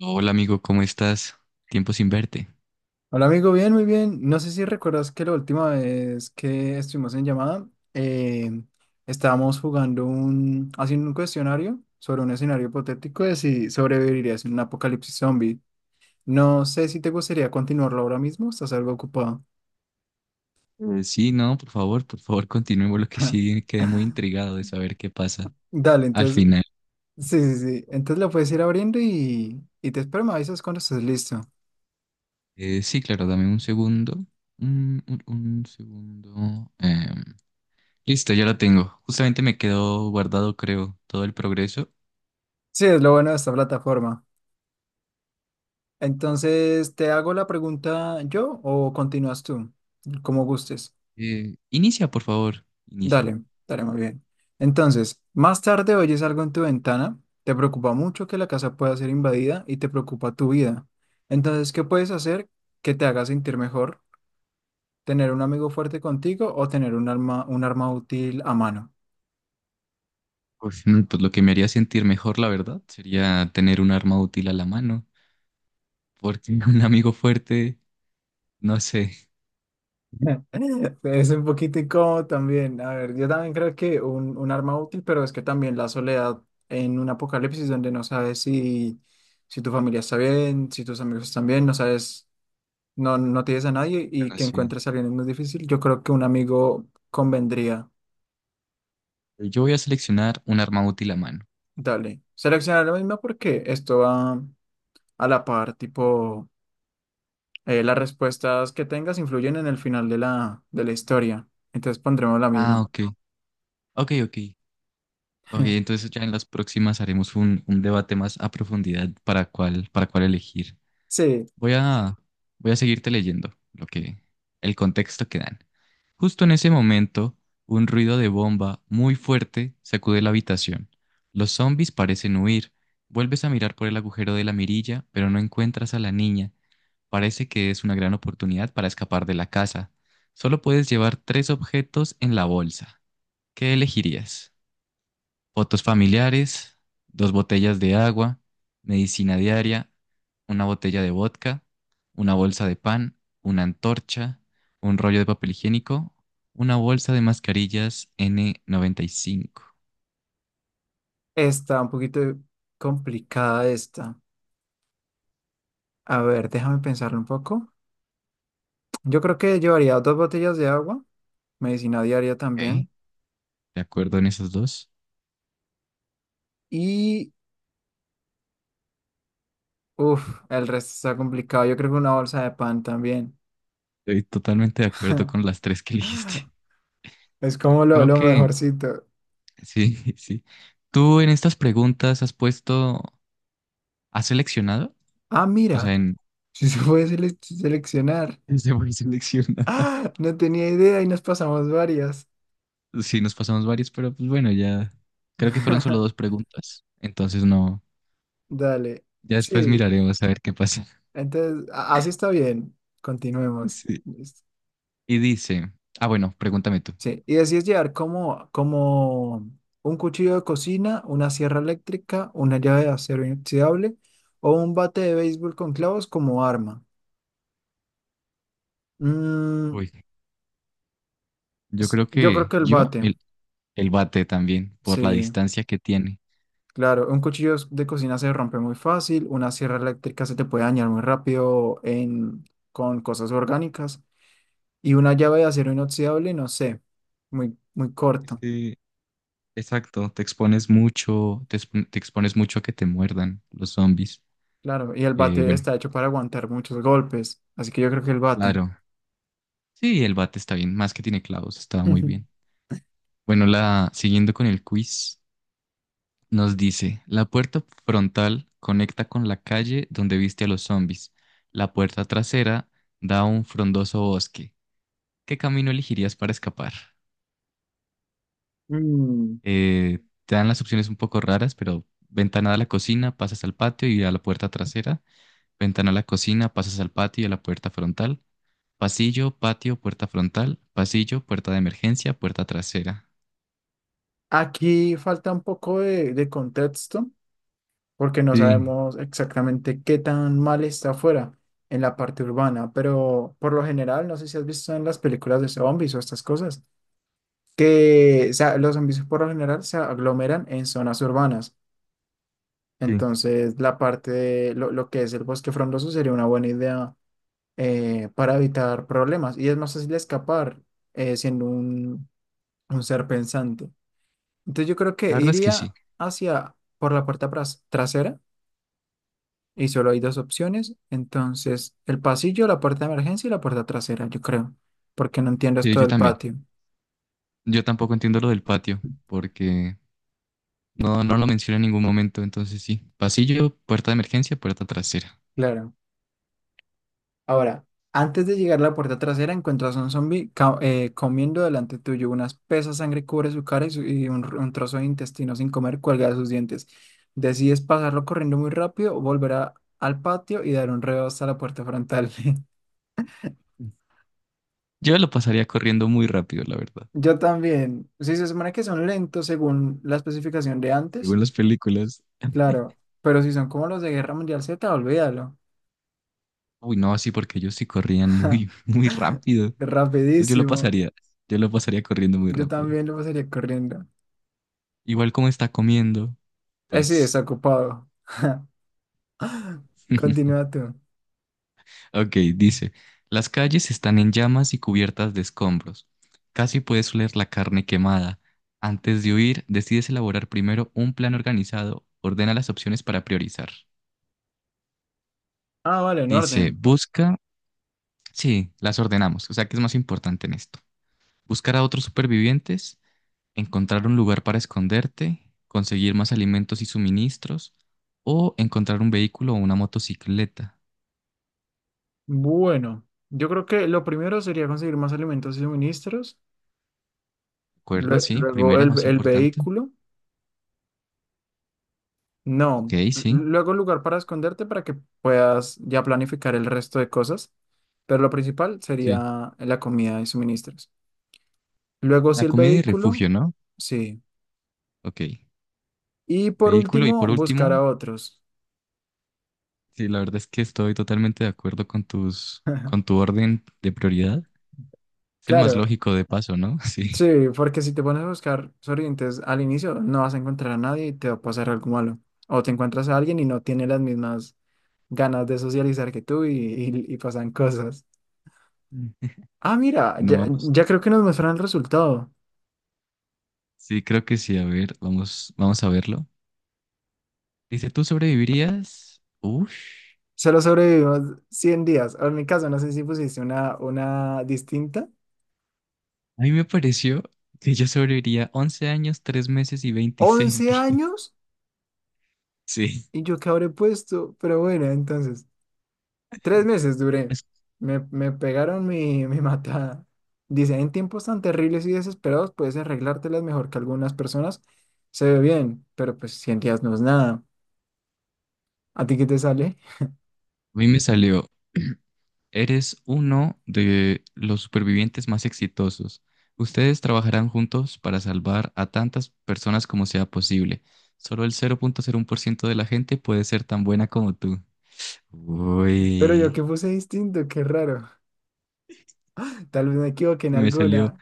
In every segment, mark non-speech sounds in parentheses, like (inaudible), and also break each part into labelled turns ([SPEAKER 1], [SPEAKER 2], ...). [SPEAKER 1] Hola amigo, ¿cómo estás? Tiempo sin verte.
[SPEAKER 2] Hola amigo, bien, muy bien. No sé si recuerdas que la última vez que estuvimos en llamada, eh, estábamos haciendo un cuestionario sobre un escenario hipotético de si sobrevivirías en un apocalipsis zombie. No sé si te gustaría continuarlo ahora mismo, estás algo ocupado.
[SPEAKER 1] Sí, no, por favor, (laughs) continuemos lo que sí quedé muy intrigado de saber qué pasa
[SPEAKER 2] Dale,
[SPEAKER 1] al
[SPEAKER 2] entonces,
[SPEAKER 1] final.
[SPEAKER 2] sí, sí, sí. Entonces lo puedes ir abriendo y te espero, me avisas cuando estés listo.
[SPEAKER 1] Sí, claro, dame un segundo. Un segundo. Listo, ya lo tengo. Justamente me quedó guardado, creo, todo el progreso.
[SPEAKER 2] Sí, es lo bueno de esta plataforma. Entonces, ¿te hago la pregunta yo o continúas tú? Como gustes.
[SPEAKER 1] Inicia, por favor, inicia.
[SPEAKER 2] Dale, dale, muy bien. Entonces, más tarde oyes algo en tu ventana, te preocupa mucho que la casa pueda ser invadida y te preocupa tu vida. Entonces, ¿qué puedes hacer que te haga sentir mejor? ¿Tener un amigo fuerte contigo o tener un arma útil a mano?
[SPEAKER 1] Pues lo que me haría sentir mejor, la verdad, sería tener un arma útil a la mano, porque (laughs) un amigo fuerte, no sé.
[SPEAKER 2] (laughs) Es un poquito incómodo también. A ver, yo también creo que un arma útil, pero es que también la soledad en un apocalipsis donde no sabes si tu familia está bien, si tus amigos están bien, no sabes. No tienes a nadie y
[SPEAKER 1] Bueno,
[SPEAKER 2] que
[SPEAKER 1] sí.
[SPEAKER 2] encuentres a alguien es muy difícil, yo creo que un amigo convendría.
[SPEAKER 1] Yo voy a seleccionar un arma útil a mano.
[SPEAKER 2] Dale. Seleccionar lo mismo porque esto va a la par, tipo, las respuestas que tengas influyen en el final de de la historia. Entonces pondremos la
[SPEAKER 1] Ah,
[SPEAKER 2] misma.
[SPEAKER 1] ok. Ok, ok. Ok,
[SPEAKER 2] (laughs)
[SPEAKER 1] entonces ya en las próximas haremos un debate más a profundidad para cuál elegir.
[SPEAKER 2] Sí,
[SPEAKER 1] Voy a, voy a seguirte leyendo el contexto que dan. Justo en ese momento, un ruido de bomba muy fuerte sacude la habitación. Los zombies parecen huir. Vuelves a mirar por el agujero de la mirilla, pero no encuentras a la niña. Parece que es una gran oportunidad para escapar de la casa. Solo puedes llevar tres objetos en la bolsa. ¿Qué elegirías? Fotos familiares, dos botellas de agua, medicina diaria, una botella de vodka, una bolsa de pan, una antorcha, un rollo de papel higiénico, una bolsa de mascarillas N95.
[SPEAKER 2] está un poquito complicada esta. A ver, déjame pensarlo un poco. Yo creo que llevaría dos botellas de agua, medicina diaria
[SPEAKER 1] ¿Ok?
[SPEAKER 2] también.
[SPEAKER 1] ¿De acuerdo en esos dos?
[SPEAKER 2] Y, uff, el resto está complicado. Yo creo que una bolsa de pan también.
[SPEAKER 1] Estoy totalmente de acuerdo con las
[SPEAKER 2] (laughs)
[SPEAKER 1] tres que (laughs) elegiste.
[SPEAKER 2] Es como
[SPEAKER 1] Creo
[SPEAKER 2] lo
[SPEAKER 1] que
[SPEAKER 2] mejorcito.
[SPEAKER 1] Sí, (laughs) sí. ¿Tú en estas preguntas has puesto, has seleccionado?
[SPEAKER 2] Ah,
[SPEAKER 1] O sea,
[SPEAKER 2] mira,
[SPEAKER 1] en...
[SPEAKER 2] si se puede seleccionar.
[SPEAKER 1] (laughs) Se voy seleccionar. (laughs)
[SPEAKER 2] Ah, no tenía idea y nos pasamos varias.
[SPEAKER 1] Sí, nos pasamos varios, pero pues bueno, ya creo que fueron solo dos
[SPEAKER 2] (laughs)
[SPEAKER 1] preguntas. Entonces no,
[SPEAKER 2] Dale.
[SPEAKER 1] ya después
[SPEAKER 2] Sí,
[SPEAKER 1] miraremos a ver qué pasa. (laughs)
[SPEAKER 2] entonces, así está bien. Continuemos.
[SPEAKER 1] Sí.
[SPEAKER 2] Listo.
[SPEAKER 1] Y dice, ah, bueno, pregúntame tú.
[SPEAKER 2] Sí, y así es llevar como, como un cuchillo de cocina, una sierra eléctrica, una llave de acero inoxidable o un bate de béisbol con clavos como arma. Mm,
[SPEAKER 1] Uy. Yo creo
[SPEAKER 2] yo creo
[SPEAKER 1] que
[SPEAKER 2] que el bate,
[SPEAKER 1] el bate también, por la
[SPEAKER 2] sí.
[SPEAKER 1] distancia que tiene.
[SPEAKER 2] Claro, un cuchillo de cocina se rompe muy fácil, una sierra eléctrica se te puede dañar muy rápido en, con cosas orgánicas y una llave de acero inoxidable, no sé, muy, muy
[SPEAKER 1] Es
[SPEAKER 2] corto,
[SPEAKER 1] que, exacto, te expones mucho a que te muerdan los zombies.
[SPEAKER 2] claro, y el bate
[SPEAKER 1] Bueno,
[SPEAKER 2] está hecho para aguantar muchos golpes, así que yo creo que el bate.
[SPEAKER 1] claro. Sí, el bate está bien, más que tiene clavos, está muy bien.
[SPEAKER 2] (laughs)
[SPEAKER 1] Bueno, la siguiendo con el quiz, nos dice, la puerta frontal conecta con la calle donde viste a los zombies. La puerta trasera da a un frondoso bosque. ¿Qué camino elegirías para escapar?
[SPEAKER 2] Mm,
[SPEAKER 1] Te dan las opciones un poco raras, pero ventana a la cocina, pasas al patio y a la puerta trasera. Ventana a la cocina, pasas al patio y a la puerta frontal. Pasillo, patio, puerta frontal. Pasillo, puerta de emergencia, puerta trasera.
[SPEAKER 2] Aquí falta un poco de contexto porque no
[SPEAKER 1] Sí,
[SPEAKER 2] sabemos exactamente qué tan mal está afuera en la parte urbana, pero por lo general, no sé si has visto en las películas de zombies o estas cosas. Que o sea, los servicios por lo general se aglomeran en zonas urbanas.
[SPEAKER 1] sí.
[SPEAKER 2] Entonces, la parte de lo que es el bosque frondoso sería una buena idea para evitar problemas y es más fácil escapar, siendo un ser pensante. Entonces, yo creo
[SPEAKER 1] La
[SPEAKER 2] que
[SPEAKER 1] verdad es que
[SPEAKER 2] iría
[SPEAKER 1] sí,
[SPEAKER 2] hacia por la puerta trasera y solo hay dos opciones. Entonces, el pasillo, la puerta de emergencia y la puerta trasera, yo creo, porque no entiendo esto
[SPEAKER 1] yo
[SPEAKER 2] del
[SPEAKER 1] también.
[SPEAKER 2] patio.
[SPEAKER 1] Yo tampoco entiendo lo del patio, porque no lo menciona en ningún momento, entonces sí. Pasillo, puerta de emergencia, puerta trasera.
[SPEAKER 2] Claro. Ahora, antes de llegar a la puerta trasera, encuentras a un zombie comiendo delante tuyo. Una espesa sangre cubre su cara y un trozo de intestino sin comer cuelga de sus dientes. Decides pasarlo corriendo muy rápido, volver al patio y dar un reo hasta la puerta frontal. (laughs)
[SPEAKER 1] Yo lo pasaría corriendo muy rápido, la verdad.
[SPEAKER 2] Yo también. Si se supone que son lentos según la especificación de antes,
[SPEAKER 1] Según las películas.
[SPEAKER 2] claro. Pero si son como los de Guerra Mundial Z, olvídalo.
[SPEAKER 1] Uy, no, sí, porque ellos sí corrían muy,
[SPEAKER 2] (laughs)
[SPEAKER 1] (laughs) muy rápido. Entonces yo lo
[SPEAKER 2] Rapidísimo.
[SPEAKER 1] pasaría, yo lo pasaría corriendo muy
[SPEAKER 2] Yo
[SPEAKER 1] rápido.
[SPEAKER 2] también lo pasaría corriendo.
[SPEAKER 1] Igual como está comiendo,
[SPEAKER 2] Sí,
[SPEAKER 1] pues
[SPEAKER 2] desocupado. (laughs)
[SPEAKER 1] (laughs)
[SPEAKER 2] Continúa tú.
[SPEAKER 1] Ok, dice, las calles están en llamas y cubiertas de escombros. Casi puedes oler la carne quemada. Antes de huir, decides elaborar primero un plan organizado. Ordena las opciones para priorizar.
[SPEAKER 2] Ah, vale, en
[SPEAKER 1] Dice,
[SPEAKER 2] orden.
[SPEAKER 1] busca... Sí, las ordenamos, o sea, ¿qué es más importante en esto? Buscar a otros supervivientes, encontrar un lugar para esconderte, conseguir más alimentos y suministros, o encontrar un vehículo o una motocicleta.
[SPEAKER 2] Bueno, yo creo que lo primero sería conseguir más alimentos y suministros.
[SPEAKER 1] ¿De acuerdo? Sí,
[SPEAKER 2] Luego
[SPEAKER 1] primera, más
[SPEAKER 2] el
[SPEAKER 1] importante.
[SPEAKER 2] vehículo.
[SPEAKER 1] Ok,
[SPEAKER 2] No.
[SPEAKER 1] sí.
[SPEAKER 2] Luego lugar para esconderte para que puedas ya planificar el resto de cosas. Pero lo principal
[SPEAKER 1] Sí.
[SPEAKER 2] sería la comida y suministros. Luego sí
[SPEAKER 1] La
[SPEAKER 2] el
[SPEAKER 1] comida y
[SPEAKER 2] vehículo.
[SPEAKER 1] refugio, ¿no?
[SPEAKER 2] Sí.
[SPEAKER 1] Ok.
[SPEAKER 2] Y por
[SPEAKER 1] Vehículo y
[SPEAKER 2] último,
[SPEAKER 1] por
[SPEAKER 2] buscar
[SPEAKER 1] último,
[SPEAKER 2] a otros.
[SPEAKER 1] sí, la verdad es que estoy totalmente de acuerdo con tu
[SPEAKER 2] (laughs)
[SPEAKER 1] orden de prioridad. Es el más
[SPEAKER 2] Claro,
[SPEAKER 1] lógico de paso, ¿no? (laughs)
[SPEAKER 2] sí,
[SPEAKER 1] Sí.
[SPEAKER 2] porque si te pones a buscar sobrevivientes al inicio, no vas a encontrar a nadie y te va a pasar algo malo. O te encuentras a alguien y no tiene las mismas ganas de socializar que tú y y pasan cosas.
[SPEAKER 1] Mm.
[SPEAKER 2] Ah, mira,
[SPEAKER 1] Bueno,
[SPEAKER 2] ya,
[SPEAKER 1] vamos.
[SPEAKER 2] ya creo que nos muestran el resultado.
[SPEAKER 1] Sí, creo que sí. A ver, vamos a verlo. Dice, ¿tú sobrevivirías? Uf.
[SPEAKER 2] Solo sobrevivimos 100 días. O en mi caso, no sé si pusiste una distinta.
[SPEAKER 1] A mí me pareció que yo sobreviviría 11 años, 3 meses y 26 (laughs)
[SPEAKER 2] once
[SPEAKER 1] días.
[SPEAKER 2] años
[SPEAKER 1] Sí.
[SPEAKER 2] y yo que habré puesto, pero bueno, entonces. 3 meses duré. Me pegaron mi, (laughs) mi matada. Dice, en tiempos tan terribles y desesperados puedes arreglártelas mejor que algunas personas. Se ve bien, pero pues 100 días no es nada. ¿A ti qué te sale?
[SPEAKER 1] A mí me salió. Eres uno de los supervivientes más exitosos. Ustedes trabajarán juntos para salvar a tantas personas como sea posible. Solo el 0.01% de la gente puede ser tan buena como tú.
[SPEAKER 2] Pero yo que
[SPEAKER 1] Uy,
[SPEAKER 2] puse distinto, qué raro. Tal vez me equivoqué en
[SPEAKER 1] sí me salió
[SPEAKER 2] alguna.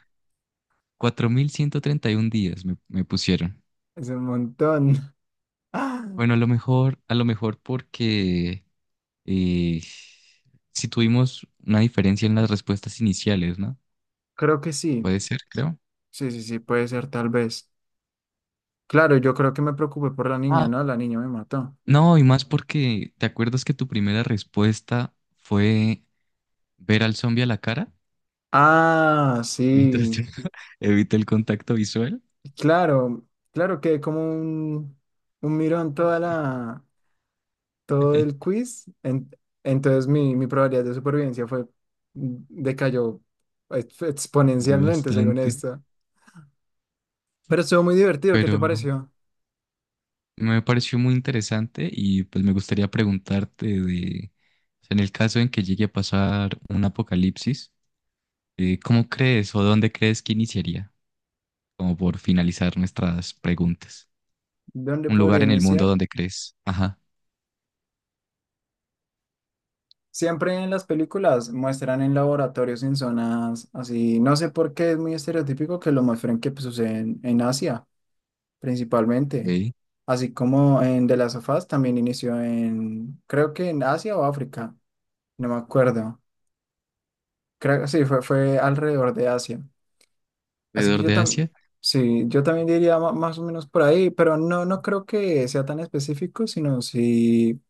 [SPEAKER 1] 4.131 días, me pusieron.
[SPEAKER 2] Es un montón. (gasps) (laughs) Ah,
[SPEAKER 1] Bueno, a lo mejor porque eh, si tuvimos una diferencia en las respuestas iniciales, ¿no?
[SPEAKER 2] creo que sí.
[SPEAKER 1] Puede ser, creo.
[SPEAKER 2] Sí, sí, sí, puede ser tal vez. Claro, yo creo que me preocupé por la niña,
[SPEAKER 1] Ah,
[SPEAKER 2] ¿no? La niña me mató.
[SPEAKER 1] no, y más porque, ¿te acuerdas que tu primera respuesta fue ver al zombie a la cara?
[SPEAKER 2] Ah,
[SPEAKER 1] Mientras
[SPEAKER 2] sí.
[SPEAKER 1] (laughs) evita el contacto visual.
[SPEAKER 2] Claro, claro que como un mirón toda todo el
[SPEAKER 1] (laughs)
[SPEAKER 2] quiz. Entonces mi probabilidad de supervivencia fue, decayó
[SPEAKER 1] Yo
[SPEAKER 2] exponencialmente según
[SPEAKER 1] bastante.
[SPEAKER 2] esto. Pero estuvo muy divertido, ¿qué
[SPEAKER 1] Pero
[SPEAKER 2] te pareció?
[SPEAKER 1] me pareció muy interesante y pues me gustaría preguntarte de, o sea, en el caso en que llegue a pasar un apocalipsis, ¿cómo crees o dónde crees que iniciaría? Como por finalizar nuestras preguntas.
[SPEAKER 2] ¿Dónde
[SPEAKER 1] Un
[SPEAKER 2] podría
[SPEAKER 1] lugar en el mundo
[SPEAKER 2] iniciar?
[SPEAKER 1] donde crees. Ajá.
[SPEAKER 2] Siempre en las películas muestran en laboratorios, en zonas así. No sé por qué es muy estereotípico que lo muestren que pues, sucede en Asia. Principalmente.
[SPEAKER 1] Ok.
[SPEAKER 2] Así como en The Last of Us también inició en, creo que en Asia o África, no me acuerdo. Creo, sí, fue alrededor de Asia. Así que
[SPEAKER 1] Alrededor
[SPEAKER 2] yo
[SPEAKER 1] de
[SPEAKER 2] también,
[SPEAKER 1] Asia.
[SPEAKER 2] sí, yo también diría más o menos por ahí, pero no, no creo que sea tan específico, sino si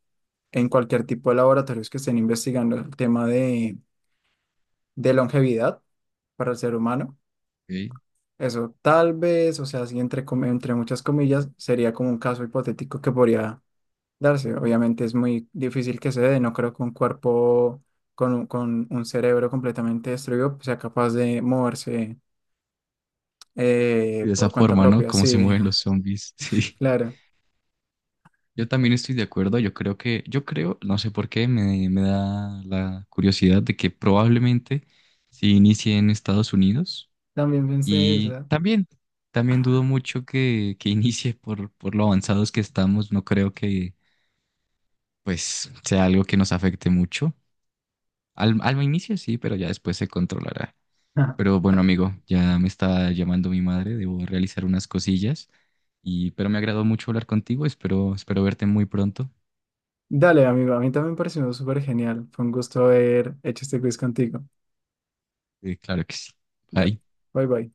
[SPEAKER 2] en cualquier tipo de laboratorios que estén investigando el tema de longevidad para el ser humano.
[SPEAKER 1] Ok.
[SPEAKER 2] Eso tal vez, o sea, así entre, entre muchas comillas, sería como un caso hipotético que podría darse. Obviamente es muy difícil que se dé, no creo que un cuerpo con un cerebro completamente destruido sea capaz de moverse,
[SPEAKER 1] De esa
[SPEAKER 2] por cuenta
[SPEAKER 1] forma, ¿no?
[SPEAKER 2] propia.
[SPEAKER 1] Cómo se
[SPEAKER 2] Sí,
[SPEAKER 1] mueven los zombies. (laughs) Sí.
[SPEAKER 2] (laughs) claro.
[SPEAKER 1] Yo también estoy de acuerdo. Yo creo, no sé por qué, me da la curiosidad de que probablemente si inicie en Estados Unidos.
[SPEAKER 2] También pensé
[SPEAKER 1] Y
[SPEAKER 2] eso.
[SPEAKER 1] también dudo mucho que (laughs) inicie por lo avanzados que estamos. No creo que, pues, sea algo que nos afecte mucho. Al inicio sí, pero ya después se controlará. Pero
[SPEAKER 2] (laughs)
[SPEAKER 1] bueno, amigo, ya me está llamando mi madre, debo realizar unas cosillas. Pero me agradó mucho hablar contigo, espero verte muy pronto.
[SPEAKER 2] Dale, amigo, a mí también me pareció súper genial. Fue un gusto haber hecho este quiz contigo.
[SPEAKER 1] Claro que sí.
[SPEAKER 2] Dale,
[SPEAKER 1] Bye.
[SPEAKER 2] bye bye.